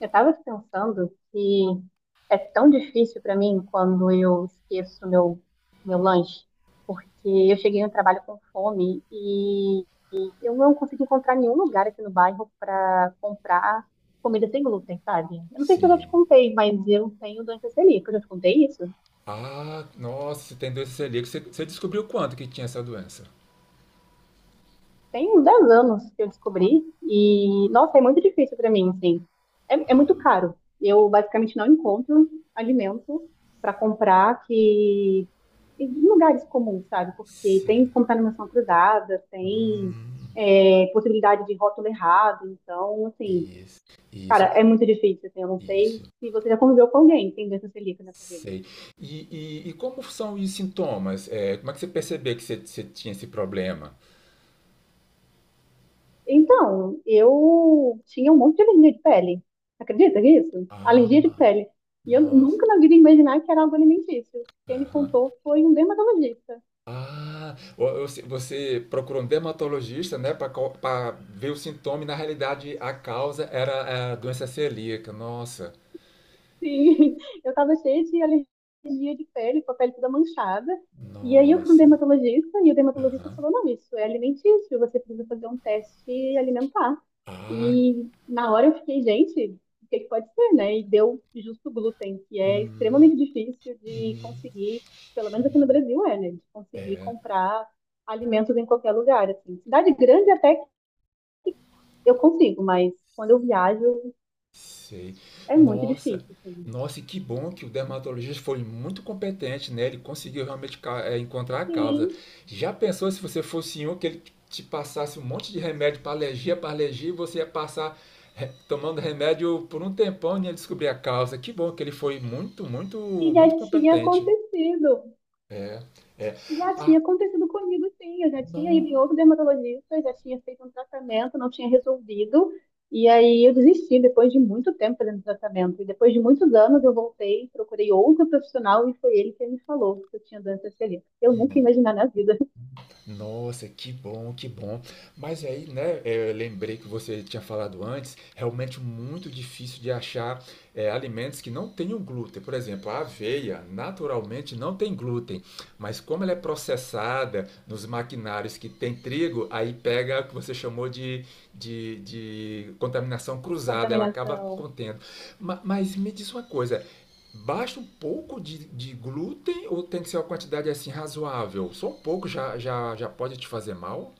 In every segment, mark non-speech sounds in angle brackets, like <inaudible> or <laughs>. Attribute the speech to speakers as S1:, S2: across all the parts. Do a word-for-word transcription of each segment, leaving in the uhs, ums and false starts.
S1: Eu estava pensando que é tão difícil para mim quando eu esqueço meu, meu lanche, porque eu cheguei no trabalho com fome e eu não consegui encontrar nenhum lugar aqui no bairro para comprar comida sem glúten, sabe? Eu não sei se eu já te
S2: Sim.
S1: contei, mas eu tenho doença celíaca. Eu já te contei isso?
S2: Ah, nossa, você tem doença celíaca. Você, você descobriu quanto que tinha essa doença?
S1: Tem uns dez anos que eu descobri e, nossa, é muito difícil para mim, assim. É, é muito caro. Eu basicamente não encontro alimento para comprar que em lugares comuns, sabe? Porque
S2: Sei.
S1: tem contaminação cruzada, tem
S2: Hum,
S1: é, possibilidade de rótulo errado, então, assim,
S2: isso,
S1: cara,
S2: isso,
S1: é muito difícil, assim, eu não
S2: isso.
S1: sei se você já conviveu com alguém que tem doença celíaca nessa vida.
S2: Sei. E, e, e como são os sintomas? É, como é que você percebeu que você, você tinha esse problema?
S1: Então, eu tinha um monte de alergia de pele. Acredita nisso? Alergia de
S2: Ah,
S1: pele. E eu
S2: nossa.
S1: nunca na vida ia imaginar que era algo alimentício. Quem me
S2: Aham.
S1: contou foi um dermatologista.
S2: Ah, o- o- se- você procurou um dermatologista, né, para ver o sintoma e na realidade a causa era a doença celíaca. Nossa,
S1: Sim, <laughs> eu tava cheia de alergia de pele, com a pele toda manchada. E aí eu fui um
S2: nossa.
S1: dermatologista e o dermatologista
S2: Aham.
S1: falou, não, isso é alimentício, você precisa fazer um teste alimentar.
S2: Ah,
S1: E na hora eu fiquei, gente, o que é que pode ser, né? E deu justo o glúten, que é
S2: hum,
S1: extremamente difícil de
S2: hum,
S1: conseguir, pelo menos aqui no Brasil é, né? De conseguir
S2: é,
S1: comprar alimentos em qualquer lugar, assim. Cidade grande até que eu consigo, mas quando eu viajo
S2: sei.
S1: é muito
S2: Nossa,
S1: difícil, assim.
S2: nossa, e que bom que o dermatologista foi muito competente, né? Ele conseguiu realmente ca- é, encontrar a causa.
S1: Sim,
S2: Já pensou se você fosse um que ele te passasse um monte de remédio para alergia, para alergia, e você ia passar re- tomando remédio por um tempão e ia descobrir a causa. Que bom que ele foi muito, muito,
S1: e já
S2: muito
S1: tinha
S2: competente.
S1: acontecido.
S2: É, é.
S1: Já
S2: Ah,
S1: tinha acontecido comigo, sim. Eu já tinha ido em outro dermatologista, eu já tinha feito um tratamento, não tinha resolvido. E aí eu desisti depois de muito tempo fazendo tratamento. E depois de muitos anos eu voltei, procurei outro profissional e foi ele que me falou que eu tinha doença celíaca. Eu nunca ia imaginar na vida.
S2: nossa, que bom, que bom. Mas aí, né, é, eu lembrei que você tinha falado antes, realmente muito difícil de achar é, alimentos que não tenham glúten. Por exemplo, a aveia naturalmente não tem glúten, mas como ela é processada nos maquinários que tem trigo, aí pega o que você chamou de, de, de contaminação
S1: <laughs>
S2: cruzada, ela acaba
S1: Contaminação.
S2: contendo. Ma- mas me diz uma coisa. Basta um pouco de, de glúten ou tem que ser uma quantidade assim razoável? Só um pouco já, já, já pode te fazer mal?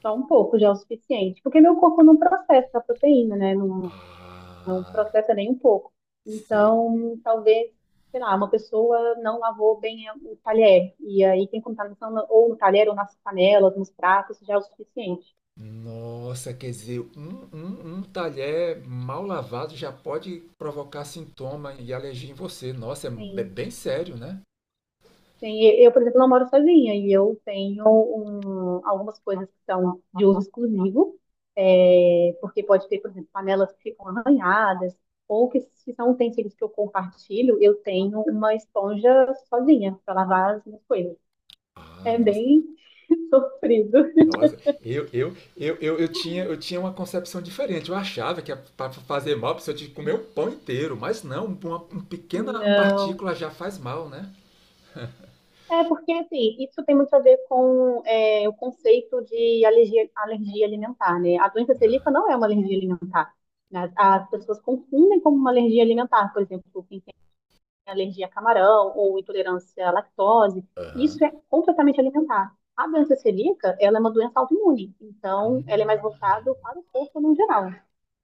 S1: Só um pouco já é o suficiente, porque meu corpo não processa a proteína, né? Não,
S2: Ah,
S1: processa nem um pouco.
S2: sei.
S1: Então, talvez, sei lá, uma pessoa não lavou bem o talher, e aí tem contaminação no- ou no talher, ou nas panelas, nos pratos, já é o suficiente.
S2: Nossa, quer dizer, um, um, um talher mal lavado já pode provocar sintoma e alergia em você. Nossa, é be-
S1: Sim,
S2: bem sério, né?
S1: sim. E eu, por exemplo, não moro sozinha, e eu tenho um, algumas coisas que são de uso exclusivo, é, porque pode ter, por exemplo, panelas que ficam arranhadas, ou que se são utensílios que eu compartilho, eu tenho uma esponja sozinha para lavar as minhas coisas.
S2: Ah,
S1: É
S2: nossa.
S1: bem <laughs> sofrido.
S2: Nossa, eu, eu, eu, eu, eu, tinha, eu tinha uma concepção diferente. Eu achava que para fazer mal precisava de comer o pão inteiro, mas não, uma, uma pequena
S1: Não.
S2: partícula já faz mal, né?
S1: É porque, assim, isso tem muito a ver com é, o conceito de alergia, alergia alimentar, né? A doença celíaca não é uma alergia alimentar. Né? As pessoas confundem como uma alergia alimentar, por exemplo, quem tem alergia a camarão ou intolerância à lactose,
S2: Aham.
S1: isso é completamente alimentar. A doença celíaca, ela é uma doença autoimune, então ela é mais
S2: Hum,
S1: voltada para o corpo no geral.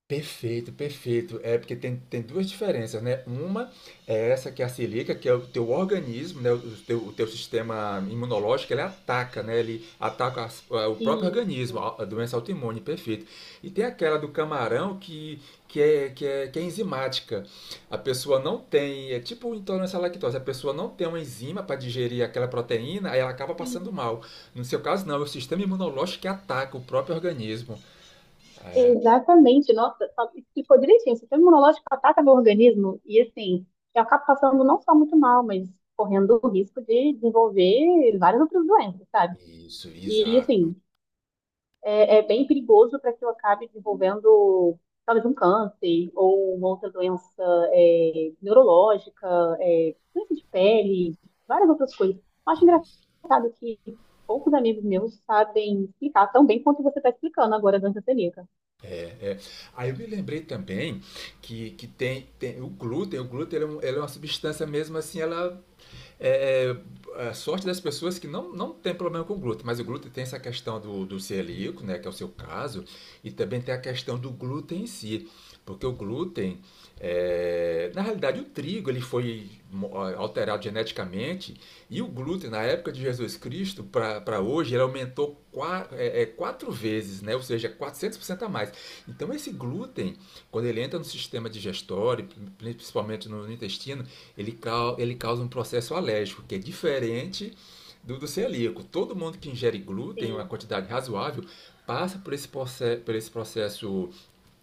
S2: Perfeito, perfeito. É porque tem, tem duas diferenças, né? Uma é essa que é a silica, que é o teu organismo, né? O o teu, o teu sistema imunológico, ele ataca, né? Ele ataca as- a- o próprio
S1: E
S2: organismo, a a doença autoimune, perfeito. E tem aquela do camarão que, que, é, que, é, que é enzimática. A pessoa não tem, é tipo intolerância à lactose, a pessoa não tem uma enzima para digerir aquela proteína, aí ela acaba passando
S1: sim,
S2: mal. No seu caso, não, é o sistema imunológico que ataca o próprio organismo.
S1: exatamente, nossa, só explicou direitinho. O sistema imunológico ataca meu organismo e, assim, eu acabo passando não só muito mal, mas correndo o risco de desenvolver várias outras doenças, sabe?
S2: Isso,
S1: E,
S2: exato.
S1: assim, é, é bem perigoso para que eu acabe desenvolvendo talvez um câncer ou uma outra doença é, neurológica, é, doença de pele, várias outras coisas. Eu acho
S2: Isso.
S1: engraçado que poucos amigos meus sabem explicar tão bem quanto você está explicando agora a doença celíaca.
S2: É, é. Aí eu me lembrei também que, que tem, tem o glúten, o glúten ele é, um- ele é uma substância mesmo assim, ela é, é a sorte das pessoas que não, não tem problema com o glúten, mas o glúten tem essa questão do, do celíaco, né, que é o seu caso, e também tem a questão do glúten em si, porque o glúten, é, na realidade o trigo ele foi mo- alterado geneticamente e o glúten na época de Jesus Cristo para hoje ele aumentou qua- é, é, quatro vezes, né? Ou seja, quatrocentos por cento a mais. Então, esse glúten, quando ele entra no sistema digestório, principalmente no intestino, ele, ele causa um processo alérgico, que é diferente do, do celíaco. Todo mundo que ingere glúten, uma
S1: Sim,
S2: quantidade razoável, passa por esse, por esse processo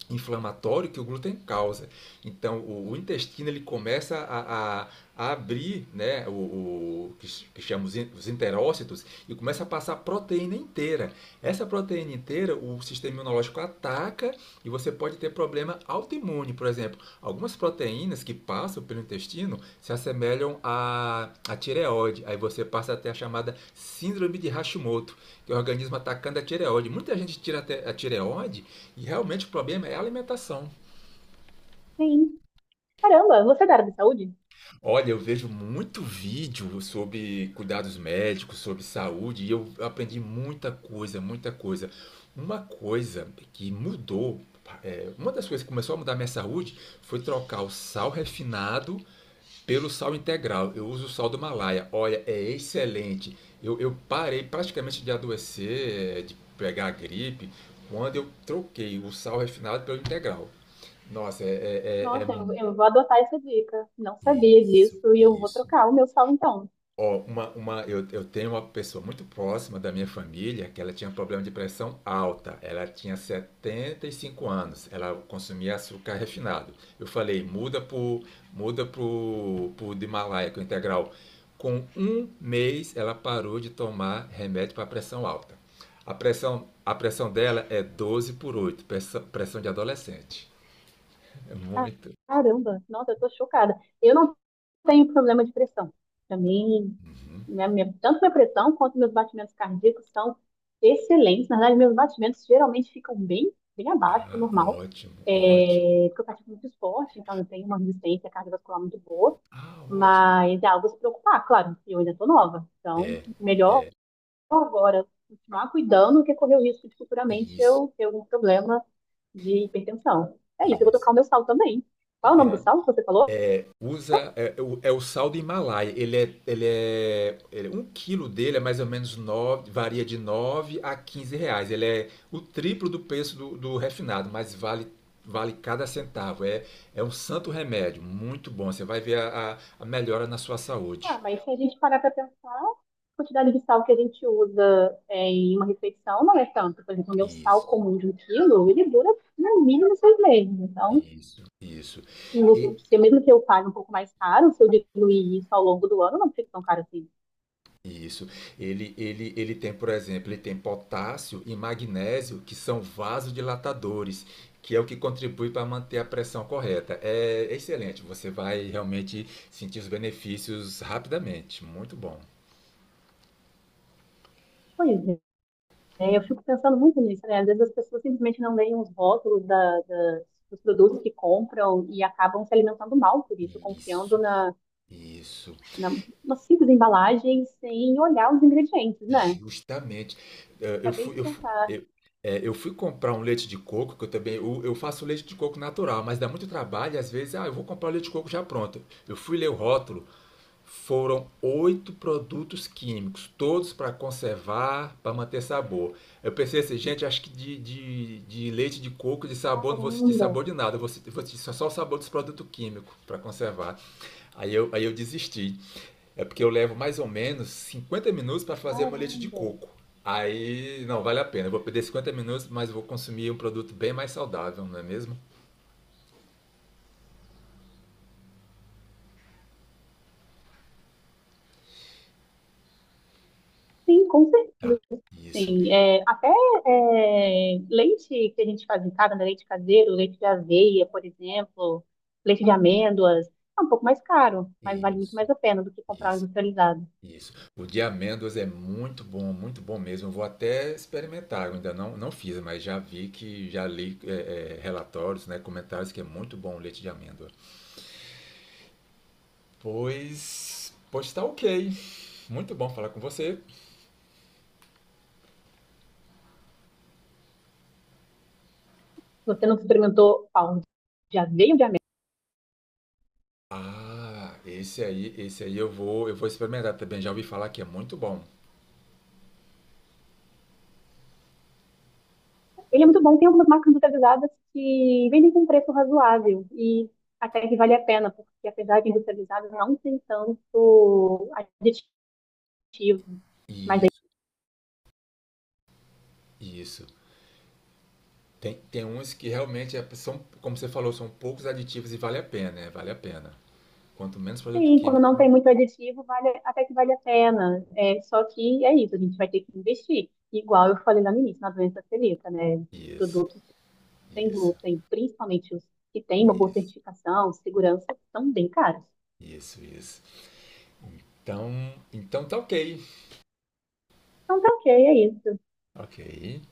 S2: inflamatório que o glúten causa. Então, o, o intestino ele começa a, a, a abrir, né, o, o que chamamos os enterócitos, e começa a passar a proteína inteira. Essa proteína inteira, o sistema imunológico ataca e você pode ter problema autoimune, por exemplo. Algumas proteínas que passam pelo intestino se assemelham à, à tireoide. Aí você passa até a chamada síndrome de Hashimoto, que é o organismo atacando a tireoide. Muita gente tira a tireoide e realmente o problema é a alimentação.
S1: sim. Caramba, você é da área de saúde?
S2: Olha, eu vejo muito vídeo sobre cuidados médicos, sobre saúde, e eu aprendi muita coisa, muita coisa. Uma coisa que mudou, é, uma das coisas que começou a mudar a minha saúde foi trocar o sal refinado pelo sal integral. Eu uso o sal do Himalaia. Olha, é excelente. Eu, eu parei praticamente de adoecer, é, de pegar gripe, quando eu troquei o sal refinado pelo integral. Nossa, é, é, é é
S1: Nossa, eu, eu vou adotar essa dica. Não sabia
S2: isso,
S1: disso e eu vou
S2: isso.
S1: trocar o meu sal então.
S2: Ó, uma, uma, eu, eu tenho uma pessoa muito próxima da minha família que ela tinha um problema de pressão alta. Ela tinha setenta e cinco anos, ela consumia açúcar refinado. Eu falei, muda pro, muda pro, pro do Himalaia, que é o integral. Com um mês, ela parou de tomar remédio para pressão alta. A pressão, a pressão dela é doze por oito, pressão, pressão de adolescente. É muito.
S1: Caramba, nossa, eu tô chocada. Eu não tenho problema de pressão. Pra mim, minha, minha- tanto minha pressão quanto meus batimentos cardíacos são excelentes. Na verdade, meus batimentos geralmente ficam bem, bem abaixo do
S2: Ah,
S1: normal.
S2: ótimo, ótimo.
S1: É, porque eu pratico muito esporte, então eu tenho uma resistência cardiovascular muito boa.
S2: Ah, ótimo.
S1: Mas é algo a se preocupar, claro. Eu ainda tô nova, então
S2: É,
S1: melhor agora continuar cuidando que é correr o risco de futuramente
S2: isso,
S1: eu ter algum problema de hipertensão. É isso, eu vou
S2: isso.
S1: tocar o meu sal também. Qual é o nome do sal que você falou?
S2: Usa, é, é o é o sal do Himalaia. Ele é, ele é, ele é- um quilo dele é mais ou menos nove, varia de nove a quinze reais. Ele é o triplo do preço do, do refinado, mas vale, vale cada centavo. É, é um santo remédio, muito bom. Você vai ver a, a, a melhora na sua
S1: Ah,
S2: saúde.
S1: mas se a gente parar para pensar, a quantidade de sal que a gente usa é, em uma refeição não é tanto. Por exemplo, o meu sal
S2: Isso,
S1: comum de um quilo, ele dura no mínimo seis meses. Então,
S2: isso, isso.
S1: se mesmo que eu pague um pouco mais caro, se eu diluir isso ao longo do ano, não fica tão caro assim.
S2: Isso. Ele, ele, ele tem, por exemplo, ele tem potássio e magnésio, que são vasodilatadores, que é o que contribui para manter a pressão correta. É excelente, você vai realmente sentir os benefícios rapidamente. Muito bom.
S1: Pois é. Né? Eu fico pensando muito nisso, né? Às vezes as pessoas simplesmente não leem os rótulos da- da- dos produtos que compram e acabam se alimentando mal por isso, confiando
S2: Isso,
S1: na,
S2: isso.
S1: na, na simples embalagem sem olhar os ingredientes, né?
S2: Justamente. Eh, Eu
S1: Acabei de
S2: fui, eu fui,
S1: pensar,
S2: eu, é, eu fui comprar um leite de coco, que eu também eu, eu faço leite de coco natural, mas dá muito trabalho, e às vezes, ah, eu vou comprar o leite de coco já pronto. Eu fui ler o rótulo. Foram oito produtos químicos, todos para conservar, para manter sabor. Eu pensei assim, gente, acho que de, de, de leite de coco, de sabor, não vou sentir
S1: caramba,
S2: sabor de nada, eu vou sentir, vou sentir só o sabor dos produtos químicos para conservar. Aí eu, aí eu desisti. É porque eu levo mais ou menos cinquenta minutos para fazer meu leite de
S1: caramba.
S2: coco. Aí, não, vale a pena. Eu vou perder cinquenta minutos, mas vou consumir um produto bem mais saudável, não é mesmo?
S1: Sim, com
S2: Tá.
S1: certeza.
S2: Isso,
S1: Sim. É, até é, leite que a gente faz em casa, né? Leite caseiro, leite de aveia, por exemplo, leite de amêndoas, é um pouco mais caro, mas vale muito
S2: isso,
S1: mais a pena do que comprar um
S2: isso.
S1: industrializado.
S2: Isso. O de amêndoas é muito bom, muito bom mesmo. Eu vou até experimentar. Eu ainda não, não fiz, mas já vi que já li é, é, relatórios, né, comentários que é muito bom o leite de amêndoa. Pois, pois tá ok. Muito bom falar com você.
S1: Se você não experimentou aonde já veio de América,
S2: Ah, esse aí, esse aí eu vou, eu vou experimentar também. Já ouvi falar que é muito bom.
S1: ele é muito bom. Tem algumas marcas industrializadas que vendem com preço razoável e até que vale a pena, porque apesar de industrializado, não tem tanto aditivo.
S2: Isso, isso. Tem, tem uns que realmente é- são, como você falou, são poucos aditivos e vale a pena, né? Vale a pena. Quanto menos produto
S1: Sim, quando não
S2: químico,
S1: tem muito aditivo, vale, até que vale a pena. É, só que é isso, a gente vai ter que investir. Igual eu falei lá no início, na doença celíaca, né? Os
S2: isso,
S1: produtos sem
S2: isso,
S1: glúten, principalmente os que têm uma boa
S2: isso.
S1: certificação, segurança, são bem caros.
S2: Isso, isso. Então, então tá ok.
S1: Então tá ok, é isso.
S2: Ok.